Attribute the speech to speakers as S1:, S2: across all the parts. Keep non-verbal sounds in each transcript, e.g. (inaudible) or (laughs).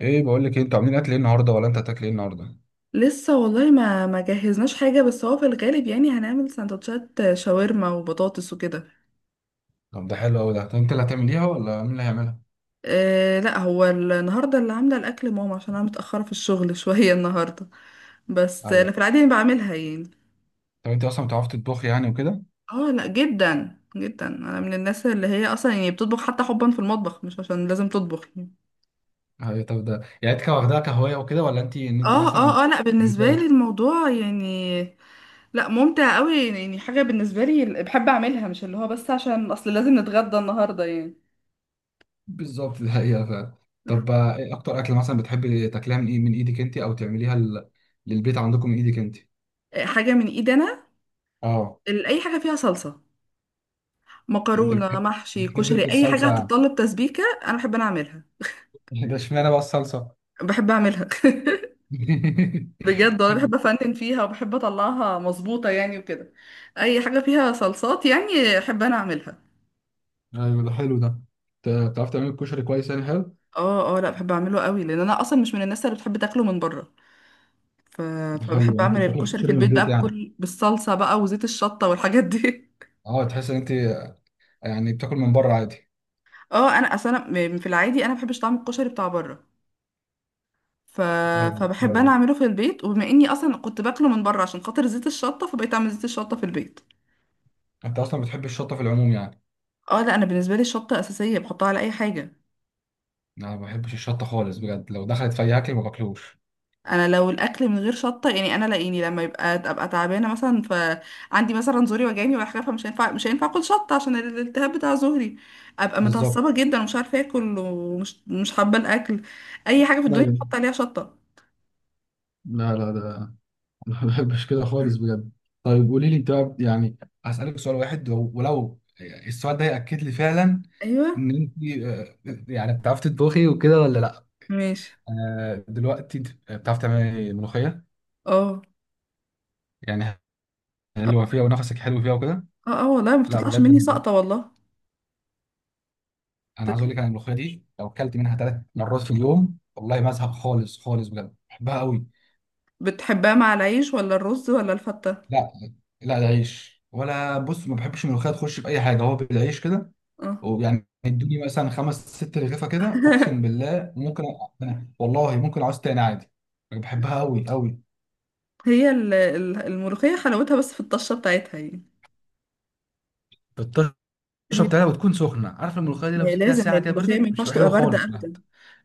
S1: ايه بقول لك إيه، انتوا عاملين اكل ايه النهارده ولا انت هتاكل ايه النهارده؟
S2: لسه والله ما جهزناش حاجة، بس هو في الغالب يعني هنعمل سندوتشات شاورما وبطاطس وكده.
S1: طب ده حلو قوي ده. طب انت اللي هتعمليها ولا مين اللي هيعملها؟
S2: أه لا، هو النهاردة اللي عاملة الأكل ماما عشان أنا متأخرة في الشغل (laughs) شوية النهاردة. بس
S1: ايوه.
S2: أنا في العادي يعني بعملها يعني.
S1: طب انت اصلا بتعرفي تطبخي يعني وكده؟
S2: اه لا، جدا جدا أنا من الناس اللي هي أصلا يعني بتطبخ حتى حبا في المطبخ، مش عشان لازم تطبخ يعني.
S1: ايوه. طب ده يعني انت واخدها كهوايه وكده ولا انت انت
S2: اه،
S1: مثلا
S2: اه، اه، لا بالنسبة
S1: مزاج؟
S2: لي الموضوع يعني، لا ممتع قوي يعني. حاجة بالنسبة لي بحب أعملها، مش اللي هو بس عشان أصل لازم نتغدى النهاردة يعني.
S1: بالظبط، ده هي فعلا. طب ايه اكتر اكل مثلا بتحبي تاكليها من ايه، من ايدك انت او تعمليها للبيت عندكم من ايدك انت؟
S2: حاجة من ايدي انا.
S1: اه،
S2: اي حاجه فيها صلصه،
S1: انت
S2: مكرونه،
S1: بتحب
S2: محشي،
S1: بتحب انت
S2: كشري، اي حاجه
S1: الصلصه
S2: هتتطلب تسبيكه انا بحب انا اعملها.
S1: يعني (laughs) ده اشمعنى بقى الصلصه؟
S2: بحب اعملها (laughs)
S1: (laughs)
S2: بجد والله بحب افنن فيها وبحب اطلعها مظبوطه يعني وكده. اي حاجه فيها صلصات يعني احب انا اعملها.
S1: ايوه، ده حلو ده. بتعرف تعمل الكشري كويس يعني، حلو.
S2: اه اه، لا بحب اعمله قوي لان انا اصلا مش من الناس اللي بتحب تاكله من بره. ف...
S1: حلو،
S2: فبحب
S1: يعني انت
S2: اعمل
S1: بتاكل
S2: الكشري في
S1: كشري من
S2: البيت
S1: البيت
S2: بقى،
S1: يعني.
S2: بكل بالصلصه بقى وزيت الشطه والحاجات دي (laughs)
S1: اه، تحس ان انت يعني بتاكل من بره عادي.
S2: اه، انا اصلا في العادي انا ما بحبش طعم الكشري بتاع بره. ف...
S1: ايوه،
S2: فبحب انا
S1: ايوه.
S2: اعمله في البيت، وبما اني اصلا كنت باكله من بره عشان خاطر زيت الشطه، فبقيت اعمل زيت الشطه في البيت.
S1: انت اصلا بتحب الشطه في العموم يعني؟
S2: اه لا، انا بالنسبه لي الشطه اساسيه بحطها على اي حاجه.
S1: انا ما بحبش الشطه خالص بجد، لو دخلت في اي اكل ما باكلوش.
S2: انا لو الاكل من غير شطه، يعني انا لاقيني لما يبقى ابقى تعبانه مثلا، فعندي مثلا زوري وجعني ولا حاجه، فمش هينفع مش هينفع اكل شطه عشان الالتهاب بتاع زوري. ابقى
S1: بالظبط.
S2: متعصبه جدا، ومش عارفه اكل، ومش مش حابه الاكل. اي حاجه في الدنيا
S1: ايوه.
S2: بحط عليها شطه.
S1: لا، لا، ده (laughs) ما بحبش كده خالص بجد. طيب قولي لي انت بقى يعني، هسألك سؤال واحد ولو السؤال ده يأكد لي فعلا
S2: ايوه،
S1: ان انت، آه، يعني بتعرفي تطبخي وكده ولا لا.
S2: ماشي.
S1: دلوقتي انت بتعرفي تعملي ملوخية
S2: اه،
S1: يعني، حلوة
S2: اه،
S1: فيها ونفسك حلو فيها وكده.
S2: اه، والله ما
S1: لا
S2: بتطلعش مني
S1: بجد،
S2: ساقطه والله.
S1: انا عايز اقول لك، انا الملوخيه دي لو اكلت منها 3 مرات في اليوم والله ما ازهق خالص خالص، بجد بحبها قوي.
S2: بتحبها مع العيش ولا الرز ولا الفتة؟
S1: لا، لا، ده عيش. ولا بص، ما بحبش الملوخيه تخش في اي حاجه، هو بالعيش كده.
S2: اه
S1: ويعني ادوني مثلا خمس ست رغيفه كده، اقسم
S2: (laughs)
S1: بالله ممكن. أنا والله ممكن اعوز تاني عادي. بحبها قوي قوي.
S2: هي الملوخية حلاوتها بس في الطشة بتاعتها يعني.
S1: بتشرب
S2: هي،
S1: تلاته وتكون سخنه، عارف؟ الملوخيه دي
S2: ما
S1: لو
S2: هي
S1: سبتها
S2: لازم هي
S1: ساعه كده
S2: الملوخية ما
S1: بردت مش
S2: ينفعش
S1: تبقى
S2: تبقى
S1: حلوه
S2: باردة
S1: خالص
S2: أبدا.
S1: بجد.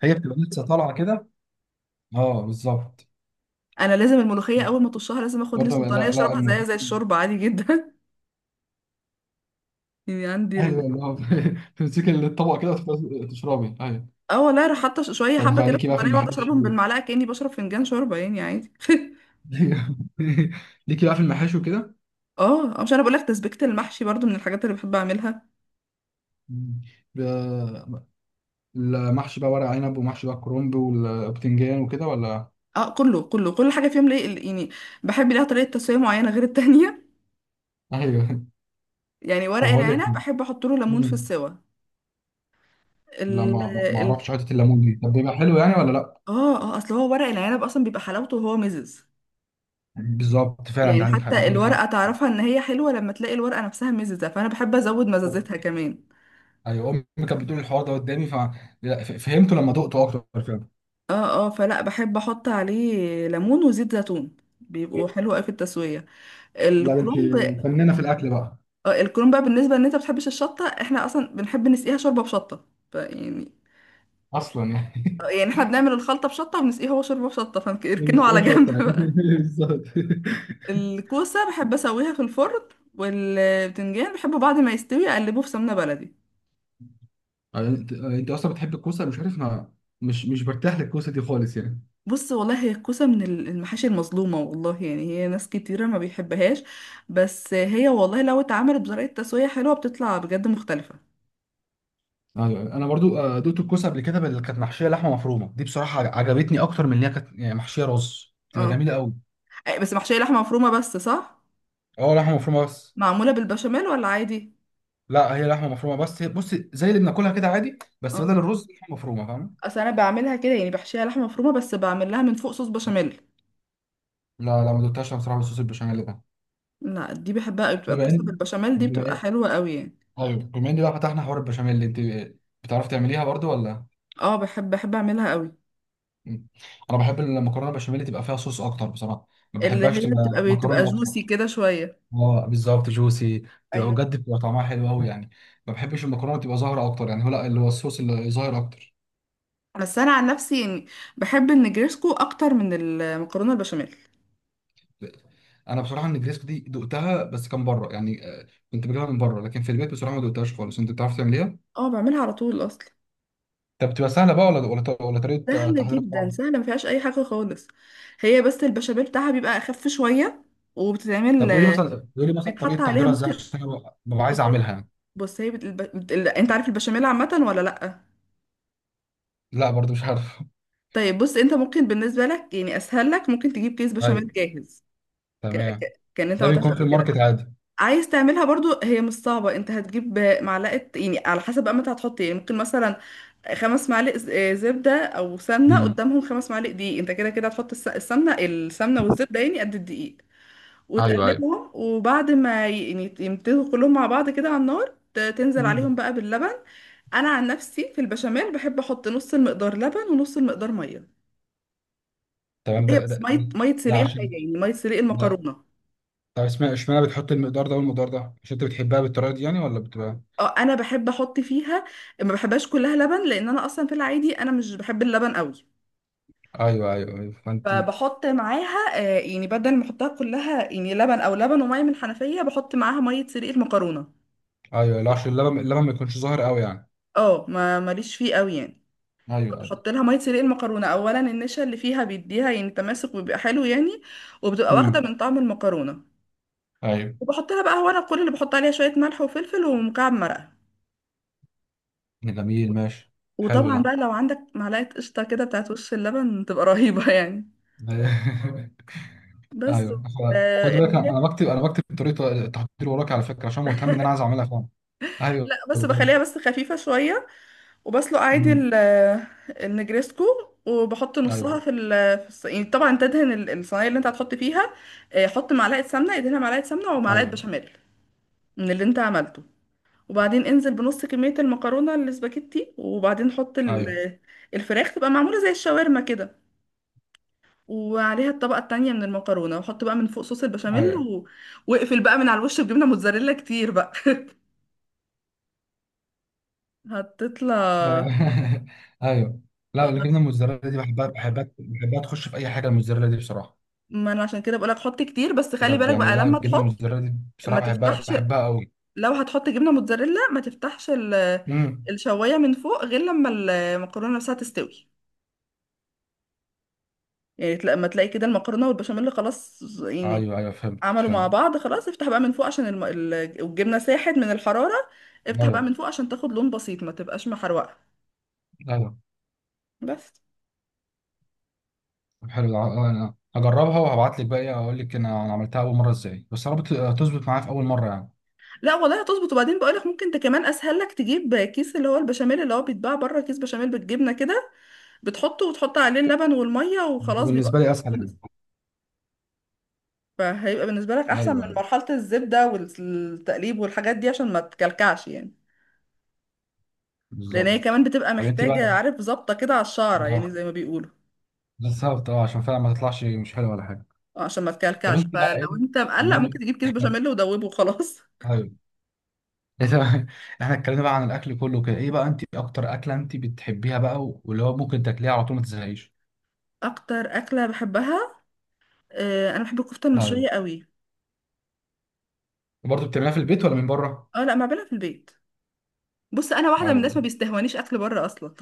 S1: هي بتبقى لسه طالعه كده. اه بالظبط.
S2: أنا لازم الملوخية أول ما طشها لازم آخد لي
S1: برضه
S2: سلطانية
S1: لا، لا،
S2: أشربها زيها
S1: الملوخيه.
S2: زي الشوربة عادي جدا. (laughs) يعني عندي ال...
S1: ايوه، اللي هو (laughs) تمسكي الطبق كده وتفضلي تشربي، ايوه.
S2: اه والله، راح حاطة شوية حبة
S1: طب
S2: كده في
S1: ليكي بقى في
S2: سلطانية وأقعد
S1: المحاشي؟
S2: أشربهم
S1: ايوه
S2: بالمعلقة كأني بشرب فنجان شوربة يعني عادي (laughs)
S1: (laughs) ليكي بقى في المحاشي وكده.
S2: اه، مش أنا بقول لك، تسبيكة المحشي برضو من الحاجات اللي بحب أعملها.
S1: مم. ب- المحشي بقى ورق عنب ومحشي بقى كرنب والبتنجان وكده ولا؟
S2: اه، كله كل حاجة فيهم ليه يعني. بحب ليها طريقة تسوية معينة غير التانية.
S1: ايوه
S2: يعني
S1: (laughs)
S2: ورق
S1: طب هقول لك.
S2: العنب احب احط له ليمون في
S1: مم.
S2: السوا. ال
S1: لا، ما
S2: ال
S1: اعرفش حته الليمون دي، طب بيبقى حلو يعني ولا لا؟
S2: اه اه اصل هو ورق العنب اصلا بيبقى حلاوته وهو مزز.
S1: بالظبط فعلا، انت
S2: يعني
S1: عندك حق،
S2: حتى
S1: عندك حق.
S2: الورقه تعرفها ان هي حلوه لما تلاقي الورقه نفسها مززه، فانا بحب ازود مزازتها كمان.
S1: ايوه، امي كانت بتقول الحوار ده قدامي لا، فهمته لما دقته اكتر فعلا.
S2: اه اه فلا، بحب احط عليه ليمون وزيت زيتون، بيبقوا حلو قوي في التسويه.
S1: لا، انت
S2: الكرنب.
S1: فنانه في الاكل بقى.
S2: الكرنب بقى، بالنسبه ان انت ما بتحبش الشطه، احنا اصلا بنحب نسقيها شوربه بشطه. فيعني
S1: اصلا يعني
S2: آه،
S1: (laughs)
S2: يعني احنا بنعمل الخلطه بشطه وبنسقيها هو شوربه بشطه،
S1: ما
S2: فاركنه على
S1: بيسقوش شط
S2: جنب
S1: يعني
S2: بقى.
S1: (laughs) بالظبط.
S2: الكوسة بحب اسويها في الفرن، والبتنجان بحبه بعد ما يستوي اقلبه في سمنة بلدي.
S1: انت اصلا بتحب الكوسه، مش عارف ما. مش برتاح للكوسه دي خالص يعني.
S2: بص والله، هي الكوسة من المحاشي المظلومة والله يعني، هي ناس كتيرة ما بيحبهاش. بس هي والله لو اتعملت بطريقة تسوية حلوة بتطلع بجد مختلفة.
S1: ايوه انا برضو دقت الكوسه قبل كده، اللي كانت محشيه لحمه مفرومه دي بصراحه عجبتني اكتر من ان هي كانت يعني محشيه رز، تبقى
S2: اه.
S1: جميله قوي.
S2: أي، بس محشية لحمة مفرومة بس صح؟
S1: اه، لحمه مفرومه بس.
S2: معمولة بالبشاميل ولا عادي؟
S1: لا، هي لحمه مفرومه بس، هي بص زي اللي بناكلها كده عادي بس
S2: اه،
S1: بدل الرز لحمه مفرومه، فاهم؟
S2: اصل انا بعملها كده، يعني بحشيها لحمة مفرومة بس بعمل لها من فوق صوص بشاميل.
S1: لا، لا، ما دقتهاش أنا بصراحه بالصوص البشاميل ده.
S2: لا دي بحبها قوي، بتبقى
S1: بما
S2: الكوسة
S1: ان
S2: بالبشاميل دي
S1: بما
S2: بتبقى
S1: إن-
S2: حلوة قوي يعني.
S1: ايوه، بما ان بقى فتحنا حوار البشاميل اللي انت بتعرف تعمليها برضو ولا؟
S2: اه، بحب اعملها قوي.
S1: مم. انا بحب المكرونه بشاميل تبقى فيها صوص اكتر بصراحه، ما
S2: اللي
S1: بحبهاش
S2: هي
S1: تبقى
S2: بتبقى
S1: مكرونه
S2: جوسي
S1: اكتر.
S2: كده شوية.
S1: اه بالظبط، جوسي. تبقى
S2: ايوه.
S1: بجد بتبقى طعمها حلو قوي يعني. ما بحبش المكرونه تبقى ظاهره اكتر يعني، هو لا اللي هو الصوص اللي ظاهر اكتر.
S2: بس انا عن نفسي يعني بحب النجريسكو اكتر من المكرونة البشاميل.
S1: انا بصراحه النجريسكو دي دقتها بس كان بره يعني، كنت بجيبها من بره، لكن في البيت بصراحه ما دقتهاش خالص. انت بتعرف تعمليها؟
S2: اه، بعملها على طول اصلا.
S1: طب بتبقى سهله بقى ولا طريقه
S2: سهلة
S1: تحضيرها
S2: جدا،
S1: صعبه؟
S2: سهلة ما فيهاش اي حاجة خالص. هي بس البشاميل بتاعها بيبقى اخف شوية،
S1: طب
S2: وبتتعمل،
S1: قولي مثلا
S2: بيتحط
S1: طريقه
S2: عليها
S1: تحضيرها ازاي،
S2: ممكن...
S1: عشان انا ببقى عايز
S2: بصي،
S1: اعملها يعني.
S2: بص، هي بت... الب... بت... ال- انت عارف البشاميل عامة ولا لأ؟
S1: لا برضو مش عارف
S2: طيب، بص انت ممكن بالنسبة لك يعني اسهل لك ممكن تجيب كيس
S1: (laughs)
S2: بشاميل
S1: ايوه،
S2: جاهز.
S1: تمام.
S2: كان انت ما
S1: ده
S2: عملتهاش
S1: بيكون في
S2: قبل كده
S1: الماركت عادي.
S2: عايز تعملها برضو، هي مش صعبة. انت هتجيب معلقة يعني، على حسب بقى ما انت هتحط ايه، ممكن مثلا خمس معالق زبدة او سمنة،
S1: مم.
S2: قدامهم خمس معالق دقيق. انت كده كده هتحط السمنة والزبدة يعني قد الدقيق،
S1: ايوه، ايوه.
S2: وتقلبهم، وبعد ما يعني يمتزجوا كلهم مع بعض كده على النار، تنزل
S1: مم.
S2: عليهم بقى باللبن. انا عن نفسي في البشاميل بحب احط نص المقدار لبن ونص المقدار مية.
S1: تمام.
S2: هي
S1: ده
S2: بس،
S1: ده
S2: مية
S1: ده,
S2: مية
S1: ده
S2: سليق الحاجة
S1: عشان
S2: يعني، مية سليق
S1: ده.
S2: المكرونة.
S1: طب اسمع، اشمعنى بتحط المقدار ده والمقدار ده؟ عشان انت بتحبها بالطريقه دي يعني ولا بتبقى؟
S2: اه، انا بحب احط فيها، ما بحبهاش كلها لبن لان انا اصلا في العادي انا مش بحب اللبن قوي.
S1: ايوه، ايوه، ايوه، فانت.
S2: فبحط معاها، يعني بدل ما احطها كلها يعني لبن، او لبن وميه من الحنفيه، بحط معاها ميه سلق المكرونه.
S1: ايوه، لا، عشان اللبن ما يكونش ظاهر قوي يعني.
S2: اه، ما ماليش فيه قوي يعني.
S1: ايوه، ايوه.
S2: بحط لها ميه سلق المكرونه، اولا النشا اللي فيها بيديها يعني تماسك وبيبقى حلو يعني، وبتبقى واخده
S1: امم.
S2: من طعم المكرونه.
S1: ايوه.
S2: وبحط لها بقى، هو انا كل اللي بحط عليها شويه ملح وفلفل ومكعب مرقه.
S1: جميل، ماشي. حلو
S2: وطبعا
S1: ده
S2: بقى لو عندك معلقه قشطه كده بتاعت وش اللبن، تبقى رهيبه (laughs) يعني.
S1: (laughs)
S2: بس.
S1: ايوه. خد
S2: آه،
S1: بالك، أنا بكتب طريقه التحضير وراك على فكره، عشان مهتم ان انا عايز اعملها فعلا. ايوه
S2: لا، بس بخليها
S1: بجد.
S2: بس خفيفة شوية، وبسلق عادي
S1: امم.
S2: النجريسكو، وبحط
S1: ايوه،
S2: نصها في يعني طبعا تدهن الصينية اللي انت هتحط فيها. حط معلقة سمنة، ادهنها معلقة سمنة ومعلقة
S1: ايوه،
S2: بشاميل من اللي انت عملته، وبعدين انزل بنص كمية المكرونة الاسباجيتي، وبعدين حط
S1: ايوه،
S2: الفراخ تبقى معمولة زي الشاورما كده، وعليها الطبقة التانية من المكرونة، وحط بقى من فوق صوص البشاميل،
S1: ايوه،
S2: واقفل بقى من على الوش بجبنة موتزاريلا كتير بقى (laughs) هتطلع.
S1: ايوه. (laughs) ايوه. لا،
S2: آه،
S1: الجبنه الموتزاريلا دي بحبها بحبها بحبها تخش في اي حاجه، الموتزاريلا دي بصراحه.
S2: ما انا عشان كده بقولك حط كتير، بس خلي
S1: بجد
S2: بالك
S1: يعني
S2: بقى
S1: بلا،
S2: لما
S1: الجبنه
S2: تحط
S1: الموتزاريلا دي
S2: ما
S1: بصراحه بحبها
S2: تفتحش،
S1: بحبها قوي.
S2: لو هتحط جبنه موتزاريلا ما تفتحش
S1: امم.
S2: الشوايه من فوق غير لما المكرونه نفسها تستوي، يعني لما تلاقي كده المكرونه والبشاميل خلاص يعني
S1: ايوه، ايوه، فهمت
S2: عملوا مع
S1: فهمت.
S2: بعض خلاص، افتح بقى من فوق عشان الجبنه ساحت من الحراره. افتح بقى
S1: ايوه،
S2: من فوق عشان تاخد لون بسيط ما تبقاش محروقه.
S1: ايوه.
S2: بس.
S1: طب حلو ده. انا هجربها وهبعت لك بقى ايه اقول لك، أنا عملتها اول مره ازاي، بس يا رب تظبط معايا في اول مره يعني.
S2: لا والله هتظبط، وبعدين بقولك ممكن انت كمان اسهل لك تجيب كيس اللي هو البشاميل اللي هو بيتباع بره، كيس بشاميل بالجبنه كده، بتحطه وتحط عليه اللبن والمية وخلاص بيبقى
S1: بالنسبه لي اسهل يعني.
S2: خلص. فهيبقى بالنسبة لك
S1: ايوه،
S2: أحسن من
S1: ايوه.
S2: مرحلة الزبدة والتقليب والحاجات دي عشان ما تكلكعش يعني. لأن هي
S1: بالظبط.
S2: كمان بتبقى
S1: طب انت بقى،
S2: محتاجة عارف، ظابطة كده على الشعرة
S1: اه.
S2: يعني، زي ما بيقولوا.
S1: بالظبط، اه، عشان فعلا ما تطلعش مش حلوه ولا حاجه.
S2: عشان ما
S1: طب
S2: تكلكعش،
S1: انت بقى
S2: فلو
S1: ايه؟
S2: أنت مقلق
S1: بما إن-
S2: ممكن تجيب كيس
S1: احنا،
S2: بشاميل ودوبه وخلاص (laughs)
S1: ايوه. إيه ده؟ (laughs) احنا اتكلمنا بقى عن الاكل كله كده، ايه بقى انت اكتر اكله انت بتحبيها بقى واللي هو ممكن تاكليها على طول ما تزهقيش؟
S2: أكتر أكلة بحبها، أنا بحب الكفتة
S1: ايوه.
S2: المشوية قوي.
S1: برضه بتعمليها في البيت ولا من بره؟
S2: أه لا، ما بعملها في البيت. بص انا واحده من الناس
S1: ايوه،
S2: ما بيستهونيش اكل بره اصلا.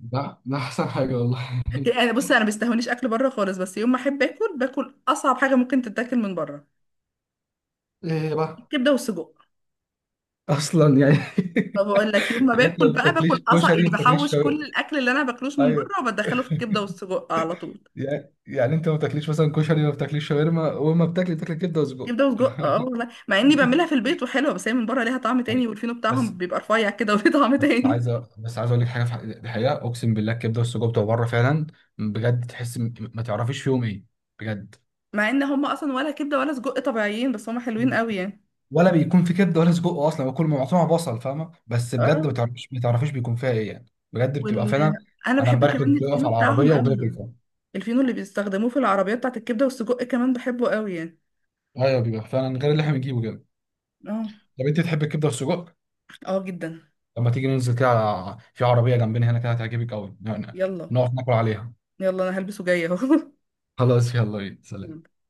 S1: ده احسن حاجه والله.
S2: (laughs) يعني بص، انا ما بيستهونيش اكل بره خالص، بس يوم ما احب اكل باكل اصعب حاجه ممكن تتاكل من بره:
S1: ايه بقى؟
S2: كبده وسجق.
S1: اصلا يعني (laughs)
S2: فبقول لك، يوم ما
S1: يعني انت
S2: باكل
S1: ما
S2: بقى
S1: بتاكليش
S2: باكل قصع
S1: كشري
S2: يعني،
S1: ما بتاكليش
S2: بحوش كل
S1: شاورما.
S2: الاكل اللي انا باكلوش من
S1: ايوه.
S2: بره وبدخله في الكبده والسجق على طول.
S1: يعني انت ما بتاكليش مثلا كشري، ما بتاكليش شاورما، وما بتاكلي كبده وسجق
S2: كبده وسجق، اه
S1: (laughs)
S2: والله، مع اني بعملها في البيت وحلوه، بس هي من بره ليها طعم تاني،
S1: أيوة.
S2: والفينو
S1: بس،
S2: بتاعهم بيبقى رفيع كده (laughs) وليه طعم تاني.
S1: بس عايز اقول لك حاجه في دي حقيقه، اقسم بالله الكبده والسجق بتوع بره فعلا. بجد تحس ما تعرفيش فيهم ايه. بجد.
S2: مع ان هم اصلا ولا كبده ولا سجق طبيعيين، بس هم حلوين قوي يعني.
S1: ولا بيكون في كبده ولا سجق اصلا، وكل ما معصومه بصل، فاهمه؟ بس
S2: اه.
S1: بجد ما تعرفيش بيكون فيها ايه يعني. بجد بتبقى
S2: وال
S1: فعلا.
S2: انا
S1: انا
S2: بحب
S1: امبارح
S2: كمان
S1: كنت واقف
S2: الفينو
S1: على
S2: بتاعهم
S1: العربيه
S2: قوي
S1: وباكل،
S2: يعني.
S1: فاهم؟
S2: الفينو اللي بيستخدموه في العربيه بتاعت الكبده والسجق كمان بحبه قوي يعني.
S1: ايوه بيبقى فعلا غير اللي احنا بنجيبه كده.
S2: اه.
S1: طب انت تحب الكبده والسجق؟
S2: اه جدا.
S1: لما تيجي ننزل كده في عربيه جنبنا هنا كده هتعجبك قوي، نقعد
S2: يلا.
S1: ناكل عليها.
S2: يلا، انا هلبسه جايه اهو
S1: خلاص يلا بينا، سلام.
S2: (laughs)